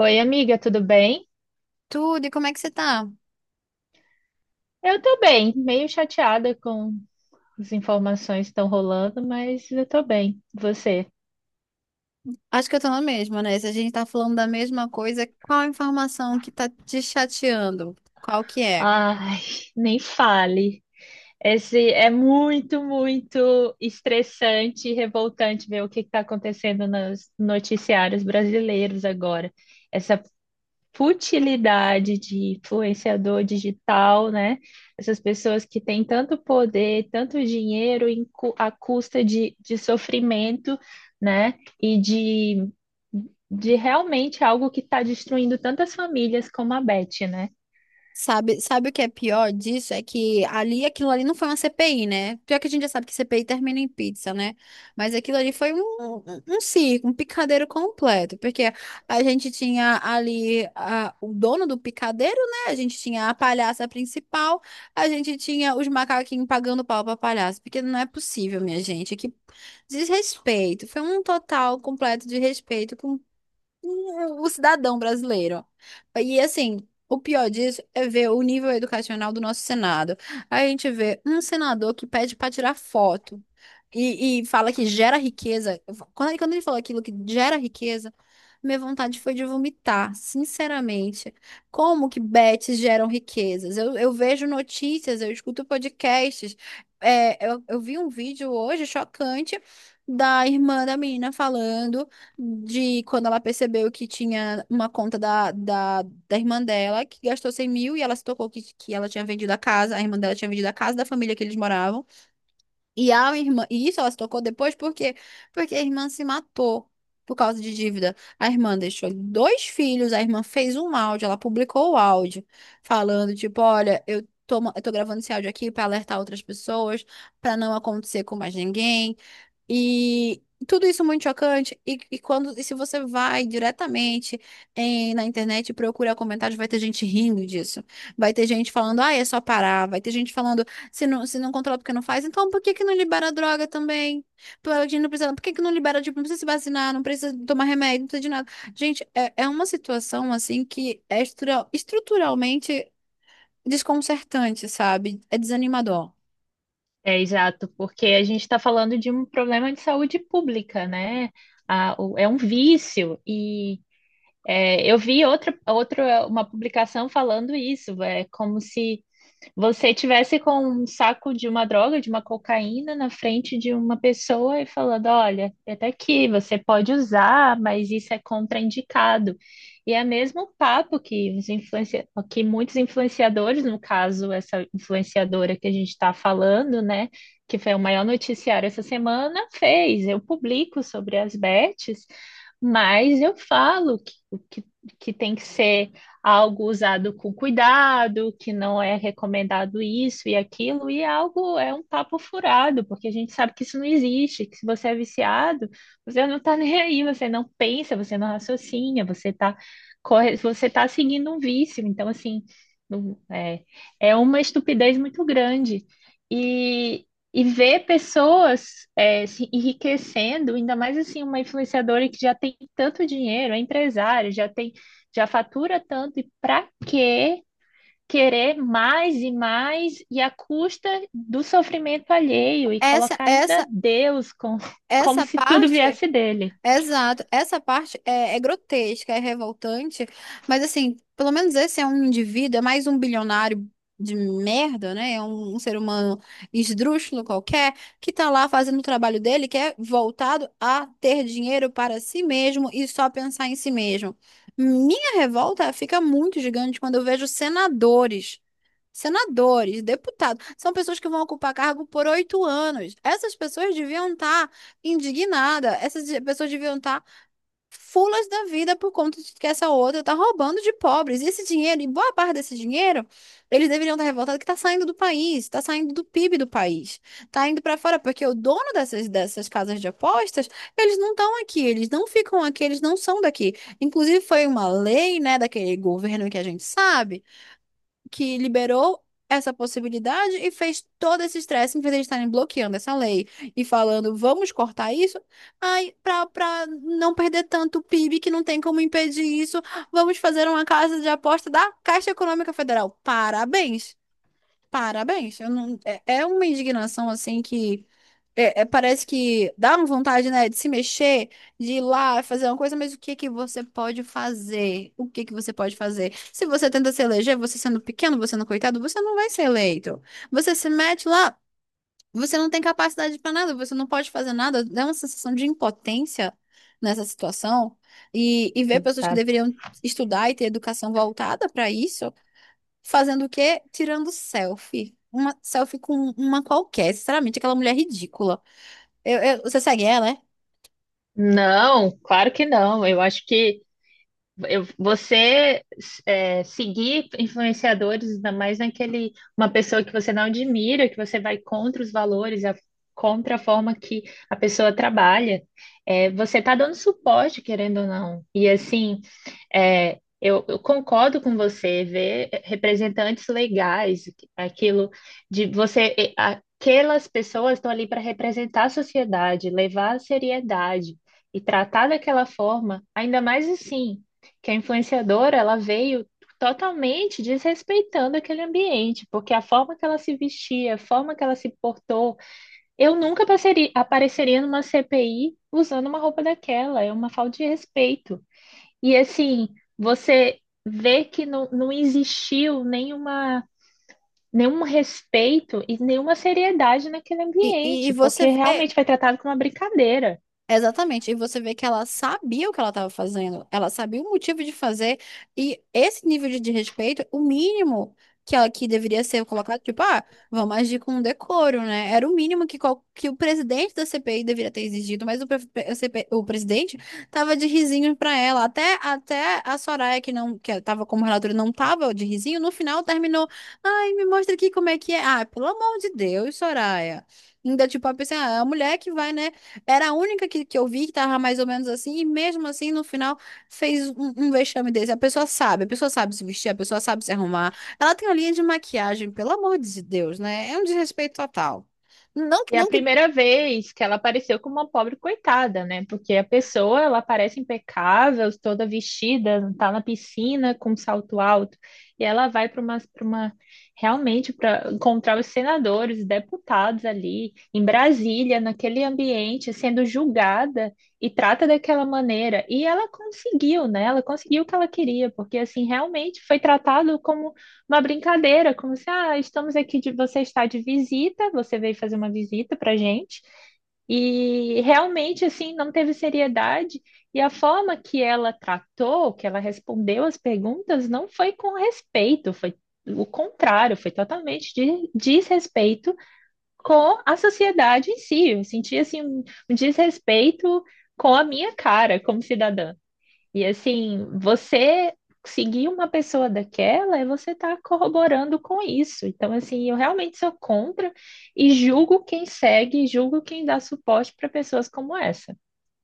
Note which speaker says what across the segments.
Speaker 1: Oi, amiga, tudo bem?
Speaker 2: Tudo, e como é que você tá?
Speaker 1: Eu tô bem, meio chateada com as informações que estão rolando, mas eu tô bem. Você?
Speaker 2: Acho que eu tô na mesma, né? Se a gente tá falando da mesma coisa, qual a informação que tá te chateando? Qual que é?
Speaker 1: Ai, nem fale. Esse é muito, muito estressante e revoltante ver o que está acontecendo nos noticiários brasileiros agora. Essa futilidade de influenciador digital, né? Essas pessoas que têm tanto poder, tanto dinheiro à custa de sofrimento, né? E de realmente algo que está destruindo tantas famílias como a Beth, né?
Speaker 2: Sabe o que é pior disso? É que ali, aquilo ali não foi uma CPI, né? Pior que a gente já sabe que CPI termina em pizza, né? Mas aquilo ali foi um circo, um picadeiro completo, porque a gente tinha ali o dono do picadeiro, né? A gente tinha a palhaça principal, a gente tinha os macaquinhos pagando pau pra palhaça, porque não é possível, minha gente. Que desrespeito. Foi um total completo desrespeito o cidadão brasileiro. E assim, o pior disso é ver o nível educacional do nosso Senado. A gente vê um senador que pede para tirar foto e fala que gera riqueza. Quando ele falou aquilo que gera riqueza, minha vontade foi de vomitar, sinceramente. Como que bets geram riquezas? Eu vejo notícias, eu escuto podcasts. Eu vi um vídeo hoje chocante da irmã da menina falando de quando ela percebeu que tinha uma conta da irmã dela, que gastou 100.000 e ela se tocou que ela tinha vendido a casa, a irmã dela tinha vendido a casa da família que eles moravam. E a irmã, e isso ela se tocou depois, por quê? Porque a irmã se matou por causa de dívida. A irmã deixou dois filhos, a irmã fez um áudio, ela publicou o áudio, falando, tipo, olha, eu tô, eu tô gravando esse áudio aqui pra alertar outras pessoas, pra não acontecer com mais ninguém. E tudo isso muito chocante. E quando, e se você vai diretamente na internet e procura comentários, vai ter gente rindo disso. Vai ter gente falando, ah, é só parar. Vai ter gente falando. Se não controla porque não faz, então por que que não libera a droga também? Por a gente não precisa, por que que não libera, tipo, não precisa se vacinar, não precisa tomar remédio, não precisa de nada. Gente, é uma situação, assim, que é estrutural, estruturalmente desconcertante, sabe? É desanimador.
Speaker 1: É exato, porque a gente está falando de um problema de saúde pública, né? É um vício e é, eu vi outra uma publicação falando isso, é como se você tivesse com um saco de uma droga, de uma cocaína na frente de uma pessoa e falando, olha, até aqui você pode usar, mas isso é contraindicado. E é mesmo o papo que que muitos influenciadores, no caso, essa influenciadora que a gente está falando, né, que foi o maior noticiário essa semana, fez. Eu publico sobre as bets, mas eu falo que, que tem que ser algo usado com cuidado, que não é recomendado isso e aquilo, e é algo é um papo furado, porque a gente sabe que isso não existe, que se você é viciado, você não está nem aí, você não pensa, você não raciocina, você está corre, você tá seguindo um vício. Então, assim, não- é, é uma estupidez muito grande. E, e ver pessoas se enriquecendo, ainda mais assim, uma influenciadora que já tem tanto dinheiro, é empresária, já fatura tanto e para quê querer mais e mais e à custa do sofrimento alheio e
Speaker 2: Essa,
Speaker 1: colocar ainda
Speaker 2: essa,
Speaker 1: Deus com, como
Speaker 2: essa
Speaker 1: se tudo
Speaker 2: parte.
Speaker 1: viesse dele?
Speaker 2: Exato. Essa parte é grotesca, é revoltante, mas assim, pelo menos esse é um indivíduo, é mais um bilionário de merda, né? É um ser humano esdrúxulo qualquer, que tá lá fazendo o trabalho dele, que é voltado a ter dinheiro para si mesmo e só pensar em si mesmo. Minha revolta fica muito gigante quando eu vejo senadores. Senadores, deputados, são pessoas que vão ocupar cargo por 8 anos. Essas pessoas deviam estar indignadas, essas pessoas deviam estar fulas da vida por conta de que essa outra está roubando de pobres. E esse dinheiro, e boa parte desse dinheiro, eles deveriam estar revoltados que está saindo do país, está saindo do PIB do país, está indo para fora, porque o dono dessas casas de apostas, eles não estão aqui, eles não ficam aqui, eles não são daqui. Inclusive, foi uma lei, né, daquele governo que a gente sabe que liberou essa possibilidade e fez todo esse estresse, em vez de eles estarem bloqueando essa lei e falando, vamos cortar isso, ai para não perder tanto PIB que não tem como impedir isso, vamos fazer uma casa de aposta da Caixa Econômica Federal. Parabéns. Parabéns. Eu não, é, uma indignação assim que é, é, parece que dá uma vontade, né, de se mexer, de ir lá fazer uma coisa, mas o que que você pode fazer? O que que você pode fazer? Se você tenta se eleger, você sendo pequeno, você sendo coitado, você não vai ser eleito. Você se mete lá, você não tem capacidade para nada, você não pode fazer nada, dá uma sensação de impotência nessa situação. E ver pessoas que
Speaker 1: Exato.
Speaker 2: deveriam estudar e ter educação voltada para isso, fazendo o quê? Tirando selfie. Uma selfie com uma qualquer, sinceramente, aquela mulher ridícula. Você segue ela, é?
Speaker 1: Não, claro que não. Eu acho que eu, você é, seguir influenciadores, ainda mais naquele, uma pessoa que você não admira, que você vai contra os valores, contra a forma que a pessoa trabalha, é, você está dando suporte, querendo ou não. E assim, eu concordo com você, ver representantes legais, aquilo aquelas pessoas estão ali para representar a sociedade, levar a seriedade e tratar daquela forma, ainda mais assim que a influenciadora ela veio totalmente desrespeitando aquele ambiente, porque a forma que ela se vestia, a forma que ela se portou, eu nunca passaria- apareceria numa CPI usando uma roupa daquela, é uma falta de respeito. E assim, você vê que não existiu nenhum respeito e nenhuma seriedade naquele
Speaker 2: E
Speaker 1: ambiente,
Speaker 2: você
Speaker 1: porque
Speaker 2: vê.
Speaker 1: realmente foi tratado como uma brincadeira.
Speaker 2: Exatamente, e você vê que ela sabia o que ela estava fazendo, ela sabia o motivo de fazer, e esse nível de desrespeito, o mínimo que ela que deveria ser colocado, tipo, ah, vamos agir com decoro, né? Era o mínimo que, que o presidente da CPI deveria ter exigido, mas o presidente tava de risinho pra ela, até a Soraya, que não, que tava como relatora, não tava de risinho, no final terminou, ai, me mostra aqui como é que é, ah, pelo amor de Deus, Soraya. Ainda, tipo, a pessoa, ah, é a mulher que vai, né? Era a única que eu vi que tava mais ou menos assim, e mesmo assim, no final, fez um vexame desse. A pessoa sabe se vestir, a pessoa sabe se arrumar. Ela tem uma linha de maquiagem, pelo amor de Deus, né? É um desrespeito total. Não,
Speaker 1: E é a
Speaker 2: não que
Speaker 1: primeira vez que ela apareceu como uma pobre coitada, né? Porque a pessoa, ela aparece impecável, toda vestida, tá na piscina com um salto alto, e ela vai para uma realmente para encontrar os senadores, os deputados ali em Brasília, naquele ambiente, sendo julgada e trata daquela maneira. E ela conseguiu, né? Ela conseguiu o que ela queria, porque assim, realmente foi tratado como uma brincadeira, como se, ah, estamos aqui de você está de visita, você veio fazer uma visita pra gente. E realmente assim não teve seriedade e a forma que ela tratou, que ela respondeu as perguntas não foi com respeito, foi o contrário, foi totalmente de desrespeito com a sociedade em si. Eu senti assim um desrespeito com a minha cara como cidadã. E assim, você seguir uma pessoa daquela é você estar corroborando com isso. Então, assim, eu realmente sou contra e julgo quem segue, julgo quem dá suporte para pessoas como essa.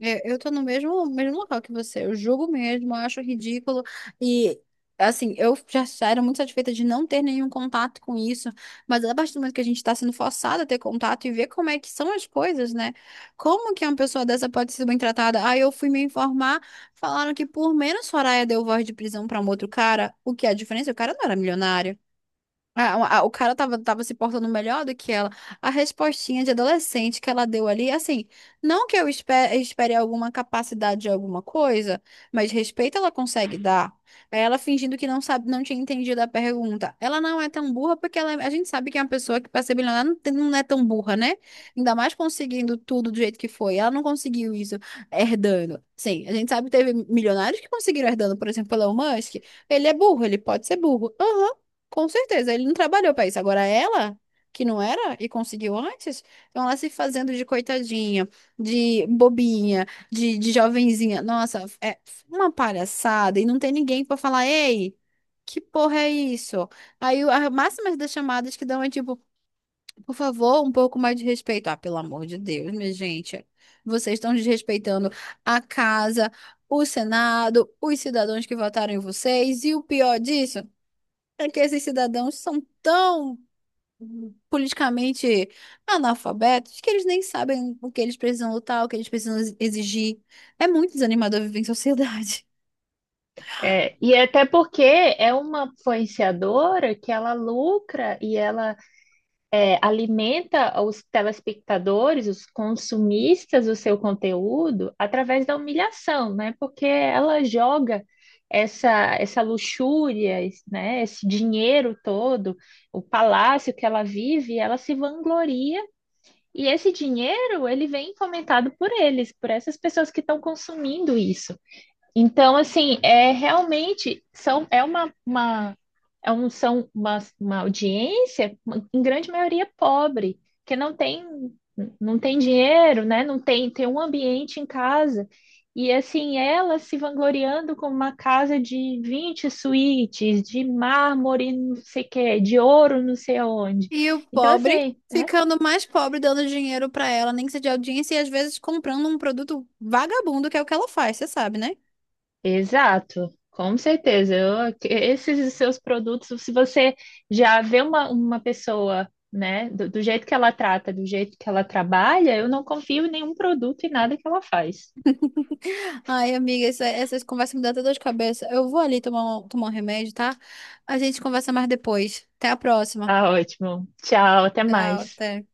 Speaker 2: É, eu tô no mesmo local que você. Eu julgo mesmo, eu acho ridículo. E, assim, eu já era muito satisfeita de não ter nenhum contato com isso. Mas a partir do momento que a gente tá sendo forçada a ter contato e ver como é que são as coisas, né? Como que uma pessoa dessa pode ser bem tratada? Aí eu fui me informar, falaram que por menos Soraya deu voz de prisão pra um outro cara. O que é a diferença? O cara não era milionário. O cara tava se portando melhor do que ela. A respostinha de adolescente que ela deu ali, assim, não que eu espere alguma capacidade de alguma coisa, mas respeito ela consegue dar. Aí ela fingindo que não sabe, não tinha entendido a pergunta. Ela não é tão burra porque ela, a gente sabe que é uma pessoa que para ser bilionária não, não é tão burra, né? Ainda mais conseguindo tudo do jeito que foi. Ela não conseguiu isso herdando. Sim, a gente sabe que teve milionários que conseguiram herdando, por exemplo, o Elon Musk. Ele é burro, ele pode ser burro. Aham, com certeza, ele não trabalhou para isso. Agora ela, que não era e conseguiu antes, então ela se fazendo de coitadinha, de bobinha, de jovenzinha. Nossa, é uma palhaçada e não tem ninguém para falar, ei, que porra é isso? Aí a máxima das chamadas que dão é tipo, por favor, um pouco mais de respeito. Ah, pelo amor de Deus, minha gente, vocês estão desrespeitando a casa, o Senado, os cidadãos que votaram em vocês e o pior disso. É que esses cidadãos são tão politicamente analfabetos que eles nem sabem o que eles precisam lutar, o que eles precisam exigir. É muito desanimador viver em sociedade.
Speaker 1: É, e até porque é uma influenciadora que ela lucra e ela é, alimenta os telespectadores, os consumistas do seu conteúdo através da humilhação, né? Porque ela joga essa luxúria, esse, né? Esse dinheiro todo, o palácio que ela vive, ela se vangloria e esse dinheiro ele vem fomentado por eles, por essas pessoas que estão consumindo isso. Então, assim, é realmente são, é uma, é um, são uma audiência, em grande maioria, pobre, que não tem dinheiro, né? Não tem, tem um ambiente em casa. E assim, ela se vangloriando com uma casa de 20 suítes, de mármore, não sei o quê, de ouro, não sei aonde.
Speaker 2: E o
Speaker 1: Então,
Speaker 2: pobre
Speaker 1: assim, é
Speaker 2: ficando mais pobre, dando dinheiro pra ela, nem que seja de audiência, e às vezes comprando um produto vagabundo, que é o que ela faz, você sabe, né?
Speaker 1: Exato, com certeza. Esses seus produtos, se você já vê uma pessoa, né, do jeito que ela trata, do jeito que ela trabalha, eu não confio em nenhum produto e nada que ela faz.
Speaker 2: Ai, amiga, essas conversas me dão até dor de cabeça. Eu vou ali tomar um remédio, tá? A gente conversa mais depois. Até a próxima.
Speaker 1: Tá ótimo. Tchau, até
Speaker 2: Tchau,
Speaker 1: mais.
Speaker 2: até.